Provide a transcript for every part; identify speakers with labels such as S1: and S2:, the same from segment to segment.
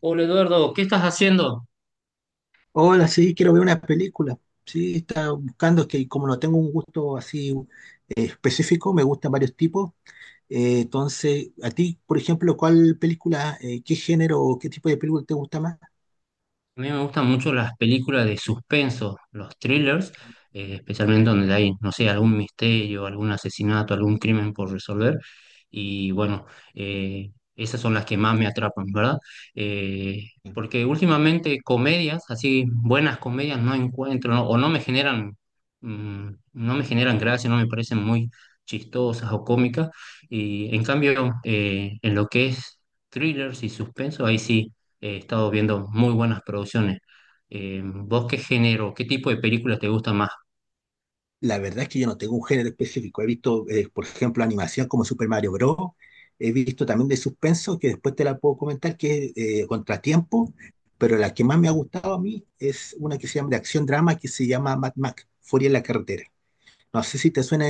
S1: Hola Eduardo, ¿qué estás haciendo?
S2: Hola, sí, quiero ver una película. Sí, estaba buscando, es que como no tengo un gusto así específico, me gustan varios tipos. Entonces, a ti, por ejemplo, ¿cuál película, qué género o qué tipo de película te gusta más?
S1: A mí me gustan mucho las películas de suspenso, los thrillers, especialmente donde hay, no sé, algún misterio, algún asesinato, algún crimen por resolver. Y bueno, eh, esas son las que más me atrapan, ¿verdad? Porque últimamente comedias, así buenas comedias, no encuentro, ¿no? O mm, no me generan gracia, no me parecen muy chistosas o cómicas. Y en cambio, en lo que es thrillers y suspenso, ahí sí. He estado viendo muy buenas producciones. ¿Vos qué género, qué tipo de películas te gusta más?
S2: La verdad es que yo no tengo un género específico. He visto, por ejemplo, animación como Super Mario Bros. He visto también de suspenso, que después te la puedo comentar, que es Contratiempo. Pero la que más me ha gustado a mí es una que se llama de acción drama, que se llama Mad Max, Furia en la carretera. No sé si te suena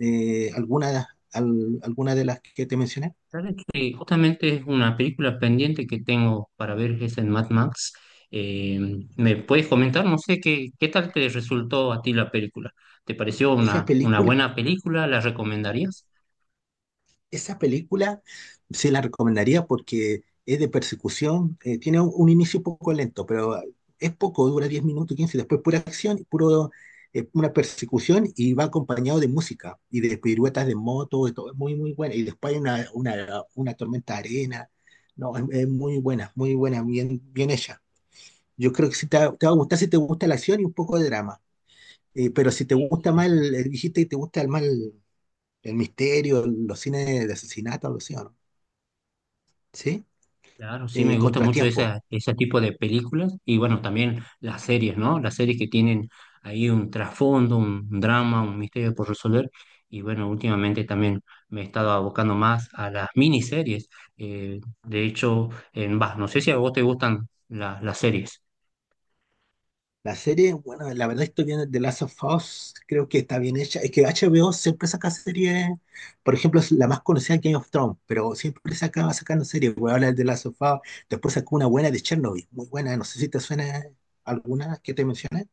S2: alguna, alguna de las que te mencioné.
S1: Sabes que justamente es una película pendiente que tengo para ver, es en Mad Max. Eh, ¿Me puedes comentar? No sé qué tal te resultó a ti la película. ¿Te pareció
S2: Esa
S1: una
S2: película,
S1: buena película? ¿La recomendarías?
S2: esa película sí la recomendaría porque es de persecución, tiene un inicio un poco lento, pero es poco, dura 10 minutos, 15 después pura acción, puro, una persecución y va acompañado de música y de piruetas de moto, de todo, es muy, muy buena. Y después hay una tormenta de arena, no, es muy buena, bien, bien hecha. Yo creo que sí te, te va a gustar si te gusta la acción y un poco de drama. Pero si te
S1: Sí.
S2: gusta más, el, dijiste que te gusta el mal, el misterio, los cines de asesinato, algo así, ¿o ¿no? ¿Sí?
S1: Claro, sí me gusta mucho
S2: Contratiempo.
S1: ese tipo de películas y bueno, también las series, ¿no? Las series que tienen ahí un trasfondo, un drama, un misterio por resolver, y bueno, últimamente también me he estado abocando más a las miniseries. De hecho, no sé si a vos te gustan las series.
S2: La serie, bueno, la verdad estoy viendo The Last of Us, creo que está bien hecha. Es que HBO siempre saca series, por ejemplo, es la más conocida Game of Thrones, pero siempre saca, va sacando series. Voy a hablar de The Last of Us, después sacó una buena de Chernobyl, muy buena, no sé si te suena alguna que te mencioné.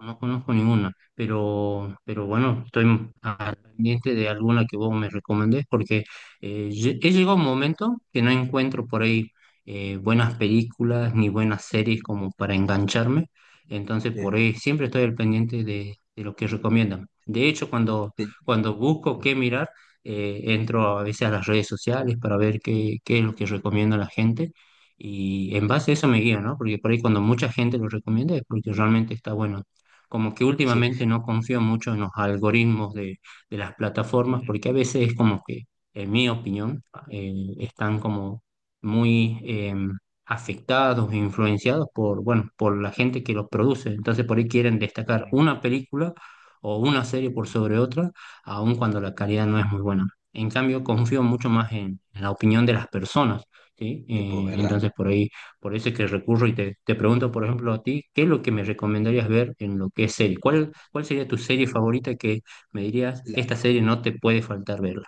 S1: No conozco ninguna, pero, bueno, estoy al pendiente de alguna que vos me recomendés porque he llegado a un momento que no encuentro por ahí buenas películas ni buenas series como para engancharme, entonces por ahí siempre estoy al pendiente de lo que recomiendan. De hecho,
S2: Este,
S1: cuando busco qué mirar, entro a veces a las redes sociales para ver qué es lo que recomienda la gente. Y en base a eso me guío, ¿no? Porque por ahí cuando mucha gente lo recomienda es porque realmente está bueno, como que
S2: sí,
S1: últimamente no confío mucho en los algoritmos de las plataformas,
S2: mm,
S1: porque a veces es como que, en mi opinión, eh, están como muy afectados e influenciados por, bueno, por la gente que los produce. Entonces por ahí quieren destacar
S2: mm,
S1: una película o una serie por sobre otra, aun cuando la calidad no es muy buena. En cambio, confío mucho más en la opinión de las personas, ¿sí?
S2: tipo, ¿verdad?
S1: Entonces por ahí por eso es que recurro y te pregunto, por ejemplo, a ti, ¿qué es lo que me recomendarías ver en lo que es serie?
S2: Ya,
S1: ¿Cuál sería tu serie favorita que me dirías, ¿esta
S2: la-
S1: serie no te puede faltar verla?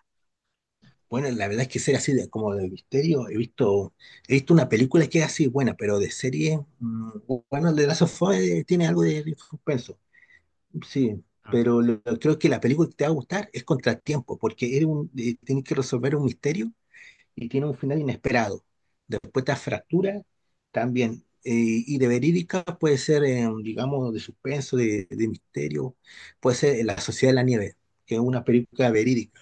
S2: bueno, la verdad es que ser así de, como de misterio, he visto una película que es así buena, pero de serie, mm, bueno, The Last of Us tiene algo de, suspenso, sí,
S1: Ah,
S2: pero creo que la película que te va a gustar es Contratiempo, porque eres un, tienes que resolver un misterio y tiene un final inesperado. Después te fractura también, y de verídica puede ser, digamos, de suspenso, de misterio, puede ser La Sociedad de la Nieve, que es una película verídica.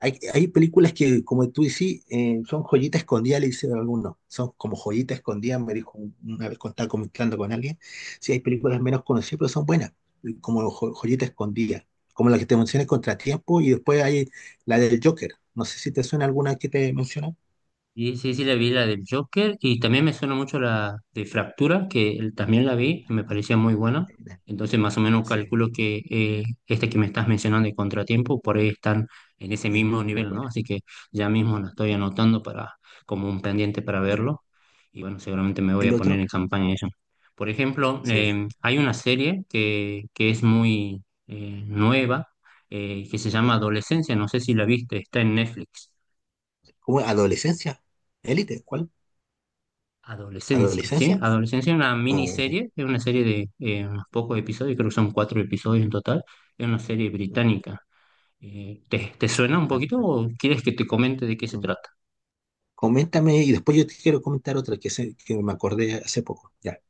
S2: Hay películas que, como tú decís, son joyita escondida, le dicen algunos. Son como joyita escondida, me dijo una vez cuando estaba comentando con alguien. Sí, hay películas menos conocidas, pero son buenas, como joyita escondida. Como la que te mencioné, Contratiempo, y después hay la del Joker. No sé si te suena alguna que te mencioné.
S1: sí, sí, sí, la vi la del Joker y también me suena mucho la de Fractura, también la vi, me
S2: Eh,
S1: parecía muy buena.
S2: eh,
S1: Entonces, más o menos
S2: Sí,
S1: calculo que esta que me estás mencionando de Contratiempo, por ahí están en ese mismo
S2: muy
S1: nivel, ¿no?
S2: buena.
S1: Así que ya mismo la estoy anotando, para, como un pendiente para
S2: Eh,
S1: verlo. Y bueno, seguramente me voy
S2: El
S1: a poner
S2: otro,
S1: en campaña eso. Por ejemplo,
S2: sí.
S1: hay una serie que es muy nueva, que se llama Adolescencia, no sé si la viste, está en Netflix.
S2: ¿Cómo? ¿Adolescencia? ¿Élite? ¿Cuál?
S1: Adolescencia, ¿sí?
S2: ¿Adolescencia?
S1: Adolescencia es una
S2: O-
S1: miniserie, es una serie de unos pocos episodios, creo que son cuatro episodios en total, es una serie británica. Te suena un poquito o quieres que te comente de qué se trata?
S2: coméntame y después yo te quiero comentar otra que, que me acordé hace poco. Ya,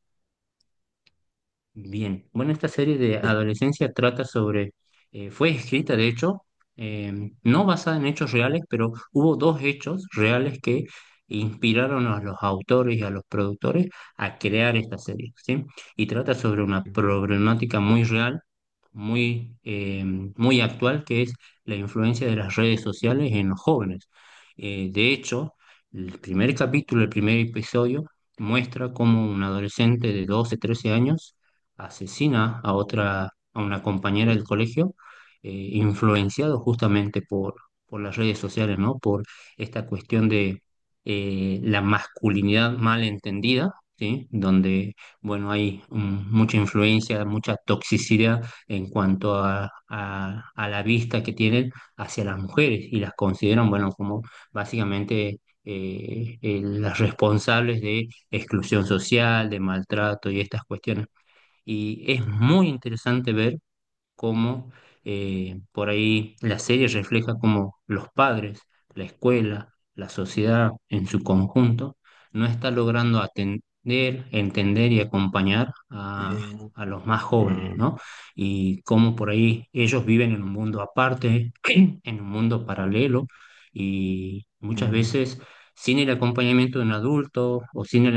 S1: Bien, bueno, esta serie de
S2: ya.
S1: Adolescencia trata sobre, fue escrita de hecho, no basada en hechos reales, pero hubo dos hechos reales que inspiraron a los autores y a los productores a crear esta serie, ¿sí? Y trata sobre una
S2: Mm,
S1: problemática muy real, muy, eh, muy actual, que es la influencia de las redes sociales en los jóvenes. De hecho, el primer capítulo, el primer episodio, muestra cómo un adolescente de 12, 13 años asesina a otra, a una compañera del colegio, influenciado justamente por las redes sociales, ¿no? Por esta cuestión de la masculinidad mal entendida, ¿sí? Donde, bueno, hay mucha influencia, mucha toxicidad en cuanto a la vista que tienen hacia las mujeres y las consideran, bueno, como básicamente, las responsables de exclusión social, de maltrato y estas cuestiones. Y es muy interesante ver cómo por ahí la serie refleja cómo los padres, la escuela, la sociedad en su conjunto no está logrando atender, entender y acompañar
S2: eh,
S1: a los más jóvenes,
S2: mm,
S1: ¿no? Y cómo por ahí ellos viven en un mundo aparte, en un mundo paralelo, y muchas
S2: mm,
S1: veces sin el acompañamiento de un adulto o sin el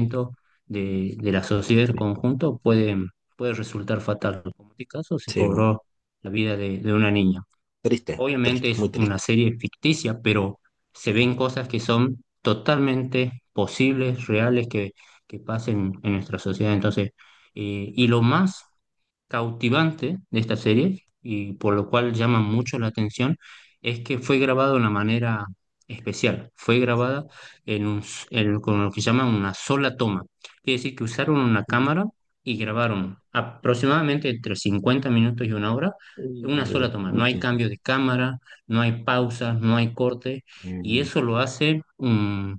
S2: mm.
S1: de la sociedad del conjunto puede resultar fatal, como en este caso se
S2: Sí, no.
S1: cobró la vida de una niña.
S2: Triste,
S1: Obviamente
S2: triste, muy
S1: es una
S2: triste.
S1: serie ficticia, pero se ven cosas que son totalmente posibles, reales, que pasen en nuestra sociedad. Entonces, y lo más cautivante de esta serie y por lo cual llama mucho la atención es que fue grabado de una manera especial. Fue grabada en un, con lo que llaman una sola toma. Quiere decir que usaron una
S2: Mm,
S1: cámara y grabaron aproximadamente entre 50 minutos y una hora en una sola
S2: mm,
S1: toma. No hay
S2: mucho.
S1: cambio de cámara, no hay pausas, no hay corte, y
S2: Mm,
S1: eso lo hace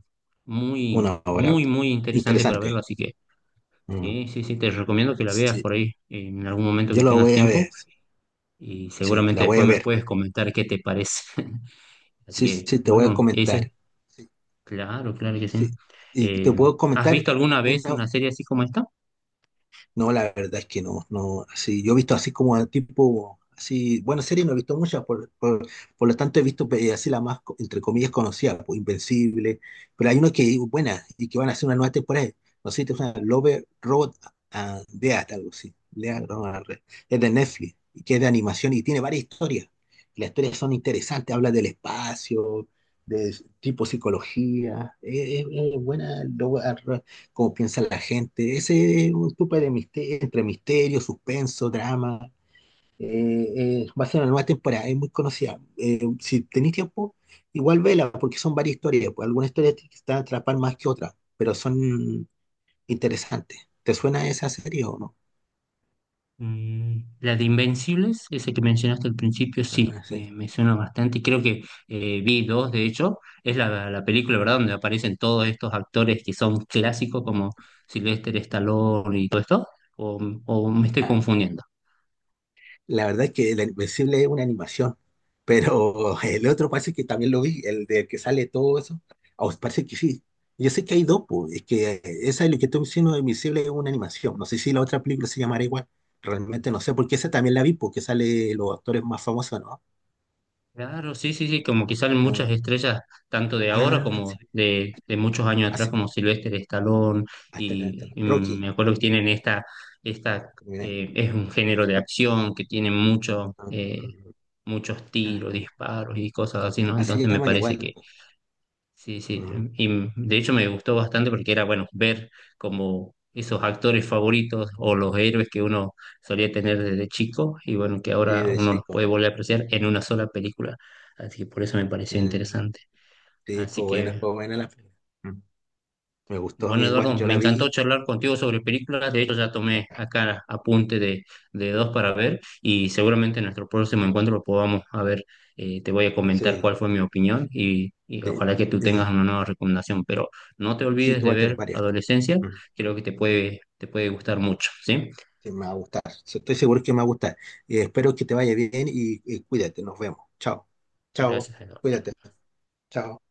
S1: muy,
S2: una hora.
S1: muy, muy interesante para verlo.
S2: Interesante.
S1: Así que.
S2: Mm,
S1: Sí, sí, sí, te recomiendo que la veas
S2: sí,
S1: por ahí en algún momento que
S2: yo la
S1: tengas
S2: voy a
S1: tiempo
S2: ver.
S1: y
S2: Sí,
S1: seguramente
S2: la voy
S1: después
S2: a
S1: me
S2: ver.
S1: puedes comentar qué te parece. Así
S2: Sí,
S1: que,
S2: sí, te voy a
S1: bueno,
S2: comentar.
S1: ese,
S2: Sí,
S1: claro, claro que sí.
S2: sí. Y te
S1: Eh,
S2: puedo
S1: ¿Has
S2: comentar
S1: visto alguna vez
S2: una.
S1: una serie así como esta?
S2: No, la verdad es que no, no, así, yo he visto así como al tipo, así, bueno series no he visto muchas, por lo tanto he visto así la más, entre comillas, conocida, pues, Invencible, pero hay una que es buena y que van a hacer una nueva temporada, no sé si te suena, Love, Robot and Death, algo así, Death, Robot es de Netflix, y que es de animación y tiene varias historias, y las historias son interesantes, habla del espacio, de tipo psicología, es buena, cómo piensa la gente. Ese es un tipo de misterio, entre misterio, suspenso, drama. Va a ser una nueva temporada, es muy conocida. Si tenéis tiempo, igual vela, porque son varias historias. Pues, algunas historias te van a atrapar más que otras, pero son interesantes. ¿Te suena esa serie o no?
S1: Mm, la de Invencibles, esa que mencionaste al principio, sí,
S2: Ah, sí.
S1: me suena bastante y creo que vi dos, de hecho, es la película, ¿verdad?, donde aparecen todos estos actores que son clásicos como Sylvester Stallone y todo esto, o o me estoy confundiendo?
S2: La verdad es que el Invencible es una animación, pero el otro parece que también lo vi, el de que sale todo eso. Ah, os parece que sí. Yo sé que hay dos, pues, es que esa es lo que estoy diciendo, Invencible es una animación. No sé si la otra película se llamará igual. Realmente no sé, porque esa también la vi, porque sale los actores más famosos, ¿no?
S1: Claro, sí, sí, sí, como que salen
S2: Eh,
S1: muchas estrellas, tanto de ahora
S2: ah,
S1: como
S2: sí.
S1: de muchos años
S2: Ah,
S1: atrás,
S2: sí.
S1: como Sylvester Stallone,
S2: Hasta la,
S1: y, y
S2: Rocky,
S1: me acuerdo que
S2: no.
S1: tienen esta, esta
S2: Mira.
S1: es un género de acción que tiene
S2: Ah,
S1: muchos tiros,
S2: ah,
S1: disparos y cosas así, ¿no?
S2: ah, se
S1: Entonces me
S2: llaman
S1: parece
S2: igual.
S1: que.
S2: Pues.
S1: Sí, sí,
S2: Mm.
S1: y de hecho me gustó bastante porque era, bueno, ver como esos actores favoritos o los héroes que uno solía tener desde chico y bueno, que
S2: Sí,
S1: ahora
S2: de
S1: uno los
S2: chico.
S1: puede volver a apreciar en una sola película. Así que por eso me pareció
S2: Mm.
S1: interesante.
S2: Sí,
S1: Así que
S2: fue buena la película. Mm. Me gustó a
S1: bueno,
S2: mí igual,
S1: Eduardo,
S2: yo
S1: me
S2: la
S1: encantó
S2: vi.
S1: charlar contigo sobre películas. De hecho, ya tomé
S2: Ya.
S1: acá apunte de dos para ver y seguramente en nuestro próximo encuentro lo podamos a ver. Te voy a comentar
S2: Sí,
S1: cuál fue mi opinión y
S2: sí,
S1: ojalá que tú
S2: eh,
S1: tengas una nueva recomendación. Pero no te
S2: sí,
S1: olvides
S2: tú
S1: de
S2: vas a tener
S1: ver
S2: varias.
S1: Adolescencia,
S2: Mm,
S1: creo que te puede gustar mucho, ¿sí?
S2: sí, me va a gustar. Sí, estoy seguro que me va a gustar. Espero que te vaya bien y cuídate. Nos vemos. Chao. Chao.
S1: Gracias, Eduardo.
S2: Cuídate. Chao.